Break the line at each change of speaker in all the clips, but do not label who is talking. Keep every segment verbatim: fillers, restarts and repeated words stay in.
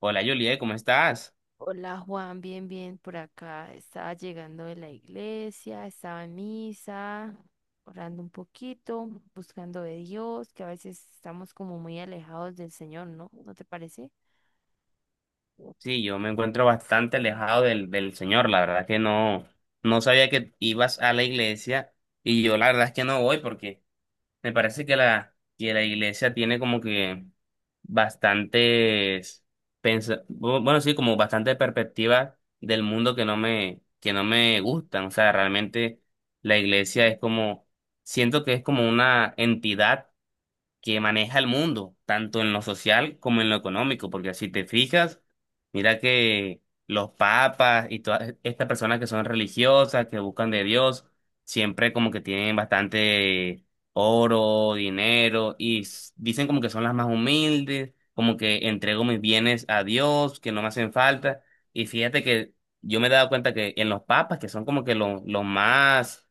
Hola Juliet, ¿cómo estás?
Hola Juan, bien, bien, por acá. Estaba llegando de la iglesia, estaba en misa, orando un poquito, buscando de Dios, que a veces estamos como muy alejados del Señor, ¿no? ¿No te parece?
Sí, yo me encuentro bastante alejado del, del Señor, la verdad que no, no sabía que ibas a la iglesia y yo la verdad es que no voy porque me parece que la, que la iglesia tiene como que bastantes, pensa- bu- bueno, sí, como bastantes perspectivas del mundo que no me, que no me gustan, o sea, realmente la iglesia es como, siento que es como una entidad que maneja el mundo, tanto en lo social como en lo económico, porque si te fijas, mira que los papas y todas estas personas que son religiosas, que buscan de Dios, siempre como que tienen bastante oro, dinero, y s- dicen como que son las más humildes, como que entrego mis bienes a Dios, que no me hacen falta, y fíjate que yo me he dado cuenta que en los papas, que son como que los, los más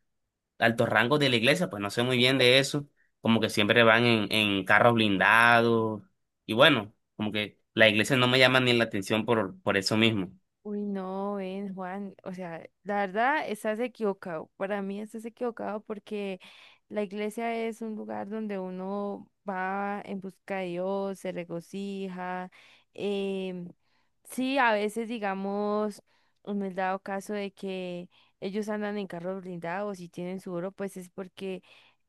altos rangos de la iglesia, pues no sé muy bien de eso, como que siempre van en, en carros blindados y bueno, como que la iglesia no me llama ni la atención por, por eso mismo.
Uy, no, ven, Juan, o sea, la verdad estás equivocado. Para mí estás equivocado porque la iglesia es un lugar donde uno va en busca de Dios, se regocija. em, sí, a veces, digamos, me he dado caso de que ellos andan en carros blindados y tienen su oro, pues es porque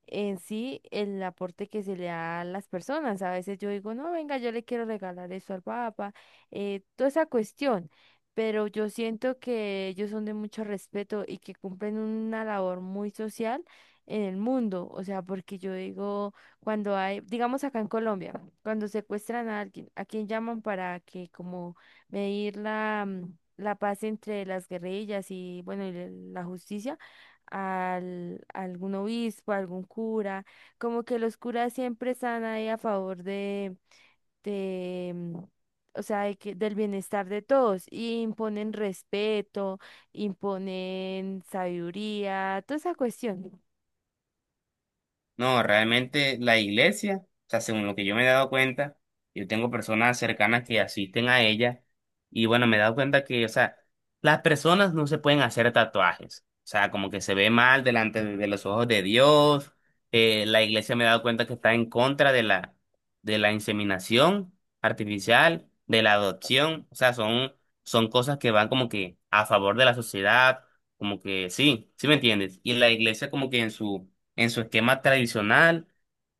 en sí el aporte que se le da a las personas. A veces yo digo, no, venga, yo le quiero regalar eso al Papa, eh, toda esa cuestión, pero yo siento que ellos son de mucho respeto y que cumplen una labor muy social en el mundo. O sea, porque yo digo, cuando hay, digamos acá en Colombia, cuando secuestran a alguien, ¿a quién llaman para que como medir la, mm, la paz entre las guerrillas y bueno, y el- la justicia? Al, a algún obispo, a algún cura, como que los curas siempre están ahí a favor de, o sea, de que, del bienestar de todos, y imponen respeto, imponen sabiduría, toda esa cuestión.
No, realmente la iglesia, o sea, según lo que yo me he dado cuenta, yo tengo personas cercanas que asisten a ella y bueno, me he dado cuenta que, o sea, las personas no se pueden hacer tatuajes, o sea, como que se ve mal delante de de los ojos de Dios, eh, la iglesia me he dado cuenta que está en contra de la, de la inseminación artificial, de la adopción, o sea, son, son cosas que van como que a favor de la sociedad, como que sí, ¿sí me entiendes? Y la iglesia como que en su en su esquema tradicional,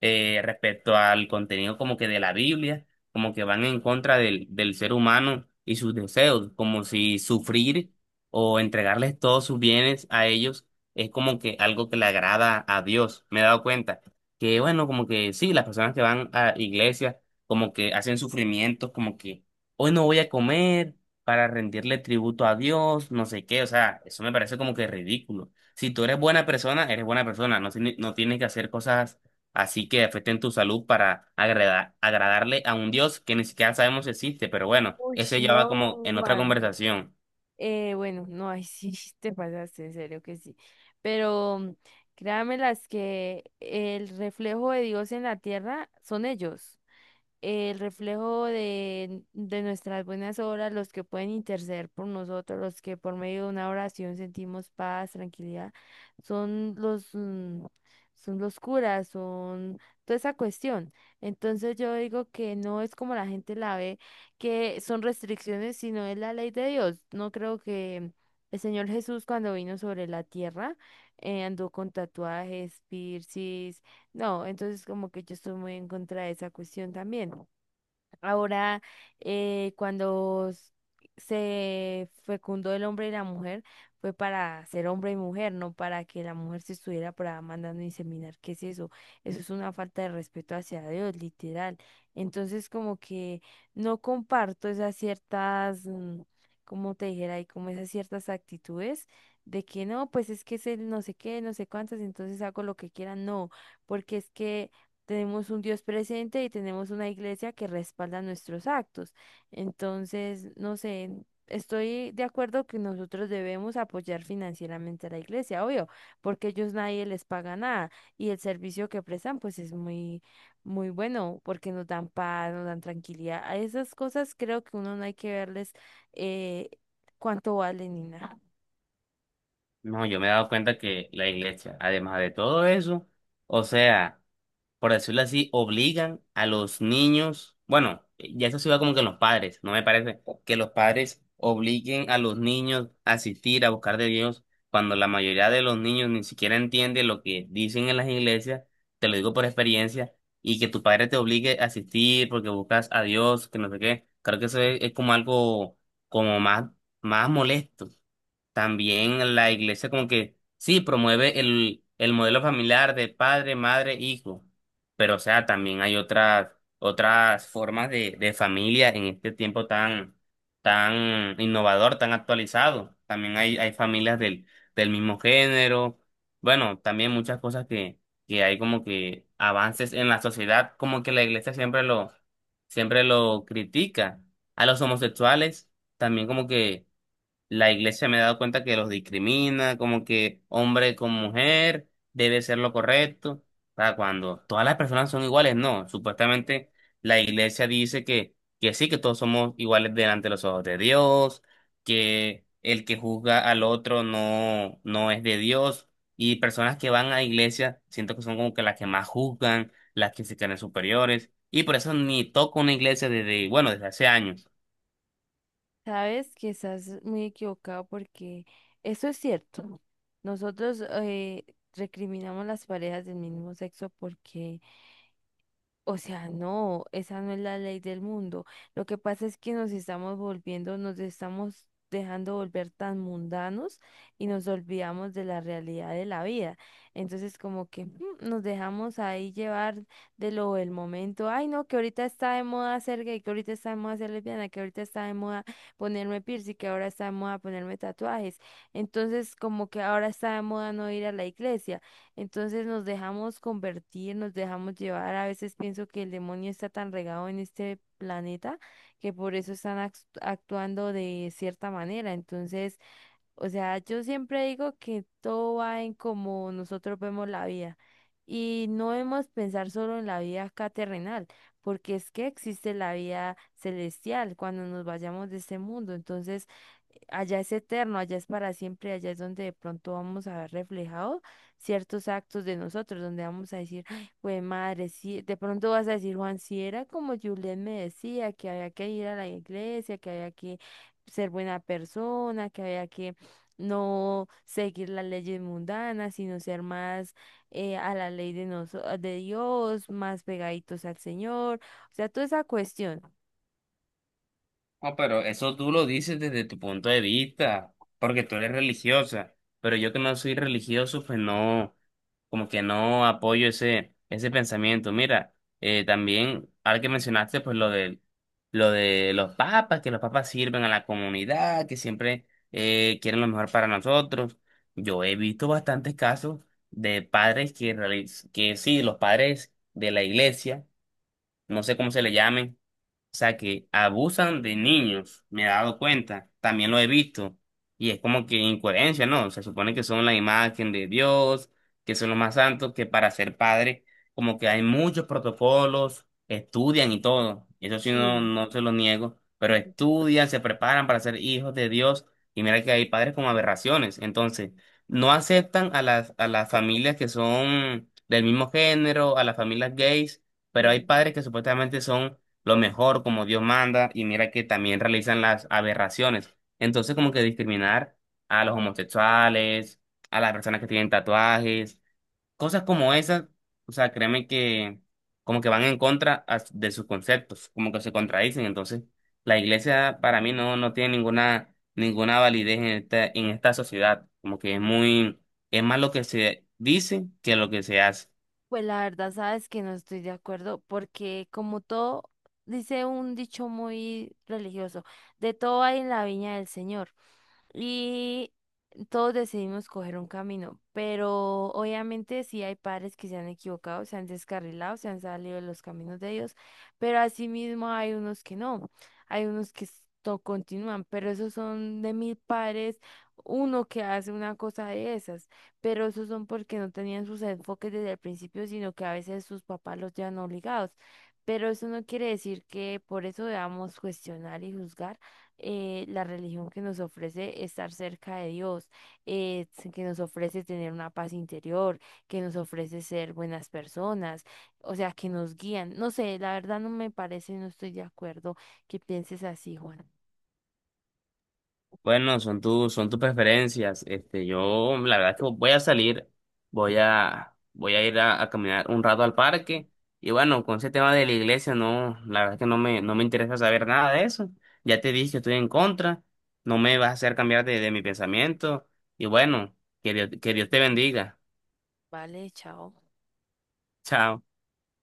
eh, respecto al contenido como que de la Biblia, como que van en contra del, del ser humano y sus deseos, como si sufrir o entregarles todos sus bienes a ellos es como que algo que le agrada a Dios. Me he dado cuenta que, bueno, como que sí, las personas que van a iglesias como que hacen sufrimientos, como que hoy no voy a comer para rendirle tributo a Dios, no sé qué, o sea, eso me parece como que ridículo. Si tú eres buena persona, eres buena persona. No, tiene- no tienes que hacer cosas así que afecten tu salud para agrada- agradarle a un Dios que ni siquiera sabemos si existe. Pero bueno,
Uy,
eso ya va
no,
como en otra
Juan.
conversación.
Eh, bueno, no, ahí sí te pasaste, en serio que sí. Pero créanme las que el reflejo de Dios en la tierra son ellos. El reflejo de, de nuestras buenas obras, los que pueden interceder por nosotros, los que por medio de una oración sentimos paz, tranquilidad, son los, mm, son los curas, son toda esa cuestión. Entonces yo digo que no es como la gente la ve, que son restricciones, sino es la ley de Dios. No creo que el Señor Jesús cuando vino sobre la tierra eh, andó con tatuajes, piercings, no, entonces como que yo estoy muy en contra de esa cuestión también. Ahora, eh, cuando s- se fecundó el hombre y la mujer, fue para ser hombre y mujer, no para que la mujer se estuviera por ahí mandando a inseminar. ¿Qué es eso? Eso es una falta de respeto hacia Dios, literal. Entonces, como que no comparto esas ciertas, mm, como te dijera, y como esas ciertas actitudes de que no, pues es que es el no sé qué, no sé cuántas, entonces hago lo que quieran. No, porque es que tenemos un Dios presente y tenemos una iglesia que respalda nuestros actos. Entonces, no sé, estoy de acuerdo que nosotros debemos apoyar financieramente a la iglesia, obvio, porque ellos nadie les paga nada y el servicio que prestan pues es muy, muy bueno porque nos dan paz, nos dan tranquilidad. A esas cosas creo que uno no hay que verles eh, cuánto valen ni nada.
No, yo me he dado cuenta que la iglesia, además de todo eso, o sea, por decirlo así, obligan a los niños, bueno, ya eso se va como que en los padres, no me parece que los padres obliguen a los niños a asistir a buscar de Dios cuando la mayoría de los niños ni siquiera entiende lo que dicen en las iglesias, te lo digo por experiencia, y que tu padre te obligue a asistir porque buscas a Dios, que no sé qué, creo que eso es, es como algo como más, más molesto. También la iglesia como que sí promueve el, el modelo familiar de padre, madre, hijo, pero o sea, también hay otras, otras formas de, de familia en este tiempo tan, tan innovador, tan actualizado. También hay, hay familias del, del mismo género. Bueno, también muchas cosas que, que hay como que avances en la sociedad, como que la iglesia siempre lo, siempre lo critica. A los homosexuales también como que la iglesia me he dado cuenta que los discrimina, como que hombre con mujer debe ser lo correcto, para cuando todas las personas son iguales, no, supuestamente la iglesia dice que, que sí, que todos somos iguales delante de los ojos de Dios, que el que juzga al otro no, no es de Dios, y personas que van a iglesia, siento que son como que las que más juzgan, las que se creen superiores, y por eso ni toco una iglesia desde, bueno, desde hace años.
Sabes que estás muy equivocado porque eso es cierto. Nosotros eh, recriminamos las parejas del mismo sexo porque, o sea, no, esa no es la ley del mundo. Lo que pasa es que nos estamos volviendo, nos estamos dejando volver tan mundanos y nos olvidamos de la realidad de la vida. Entonces, como que mm, nos dejamos ahí llevar de lo del momento. Ay, no, que ahorita está de moda ser gay, que ahorita está de moda ser lesbiana, que ahorita está de moda ponerme piercing, que ahora está de moda ponerme tatuajes. Entonces, como que ahora está de moda no ir a la iglesia. Entonces nos dejamos convertir, nos dejamos llevar. A veces pienso que el demonio está tan regado en este planeta que por eso están act- actuando de cierta manera. Entonces, o sea, yo siempre digo que todo va en cómo nosotros vemos la vida y no debemos pensar solo en la vida acá terrenal, porque es que existe la vida celestial cuando nos vayamos de este mundo. Entonces, Allá es eterno, allá es para siempre, allá es donde de pronto vamos a ver reflejados ciertos actos de nosotros, donde vamos a decir, güey, madre, sí, de pronto vas a decir, Juan, si era como Juliet me decía, que había que ir a la iglesia, que había que ser buena persona, que había que no seguir las leyes mundanas, sino ser más eh, a la ley de, noso- de Dios, más pegaditos al Señor, o sea, toda esa cuestión.
No, pero eso tú lo dices desde tu punto de vista, porque tú eres religiosa, pero yo que no soy religioso, pues no, como que no apoyo ese, ese pensamiento. Mira, eh, también, ahora que mencionaste, pues lo de, lo de los papas, que los papas sirven a la comunidad, que siempre eh, quieren lo mejor para nosotros. Yo he visto bastantes casos de padres que, reali- que sí, los padres de la iglesia, no sé cómo se le llamen, o sea, que abusan de niños, me he dado cuenta, también lo he visto. Y es como que incoherencia, ¿no? Se supone que son la imagen de Dios, que son los más santos, que para ser padre, como que hay muchos protocolos, estudian y todo. Eso sí, no,
Sí,
no se lo niego, pero estudian, se preparan para ser hijos de Dios. Y mira que hay padres con aberraciones. Entonces, no aceptan a las, a las familias que son del mismo género, a las familias gays, pero hay
sí.
padres que supuestamente son lo mejor como Dios manda y mira que también realizan las aberraciones. Entonces como que discriminar a los homosexuales, a las personas que tienen tatuajes, cosas como esas, o sea, créeme que como que van en contra a- de sus conceptos, como que se contradicen. Entonces la iglesia para mí no, no tiene ninguna, ninguna validez en esta, en esta sociedad, como que es muy, es más lo que se dice que lo que se hace.
Pues la verdad, sabes que no estoy de acuerdo porque como todo, dice un dicho muy religioso, de todo hay en la viña del Señor y todos decidimos coger un camino, pero obviamente sí hay padres que se han equivocado, se han descarrilado, se han salido de los caminos de ellos, pero asimismo hay unos que no, hay unos que s- to- continúan, pero esos son de mil padres, uno que hace una cosa de esas, pero esos son porque no tenían sus enfoques desde el principio, sino que a veces sus papás los llevan obligados. Pero eso no quiere decir que por eso debamos cuestionar y juzgar eh, la religión que nos ofrece estar cerca de Dios, eh, que nos ofrece tener una paz interior, que nos ofrece ser buenas personas, o sea, que nos guían. No sé, la verdad no me parece, no estoy de acuerdo que pienses así, Juan.
Bueno, son tus, son tus preferencias. Este, yo, la verdad es que voy a salir, voy a, voy a ir a, a caminar un rato al parque. Y bueno, con ese tema de la iglesia, no, la verdad es que no me, no me interesa saber nada de eso. Ya te dije que estoy en contra, no me vas a hacer cambiar de, de mi pensamiento. Y bueno, que Dios- que Dios te bendiga.
Vale, chao.
Chao.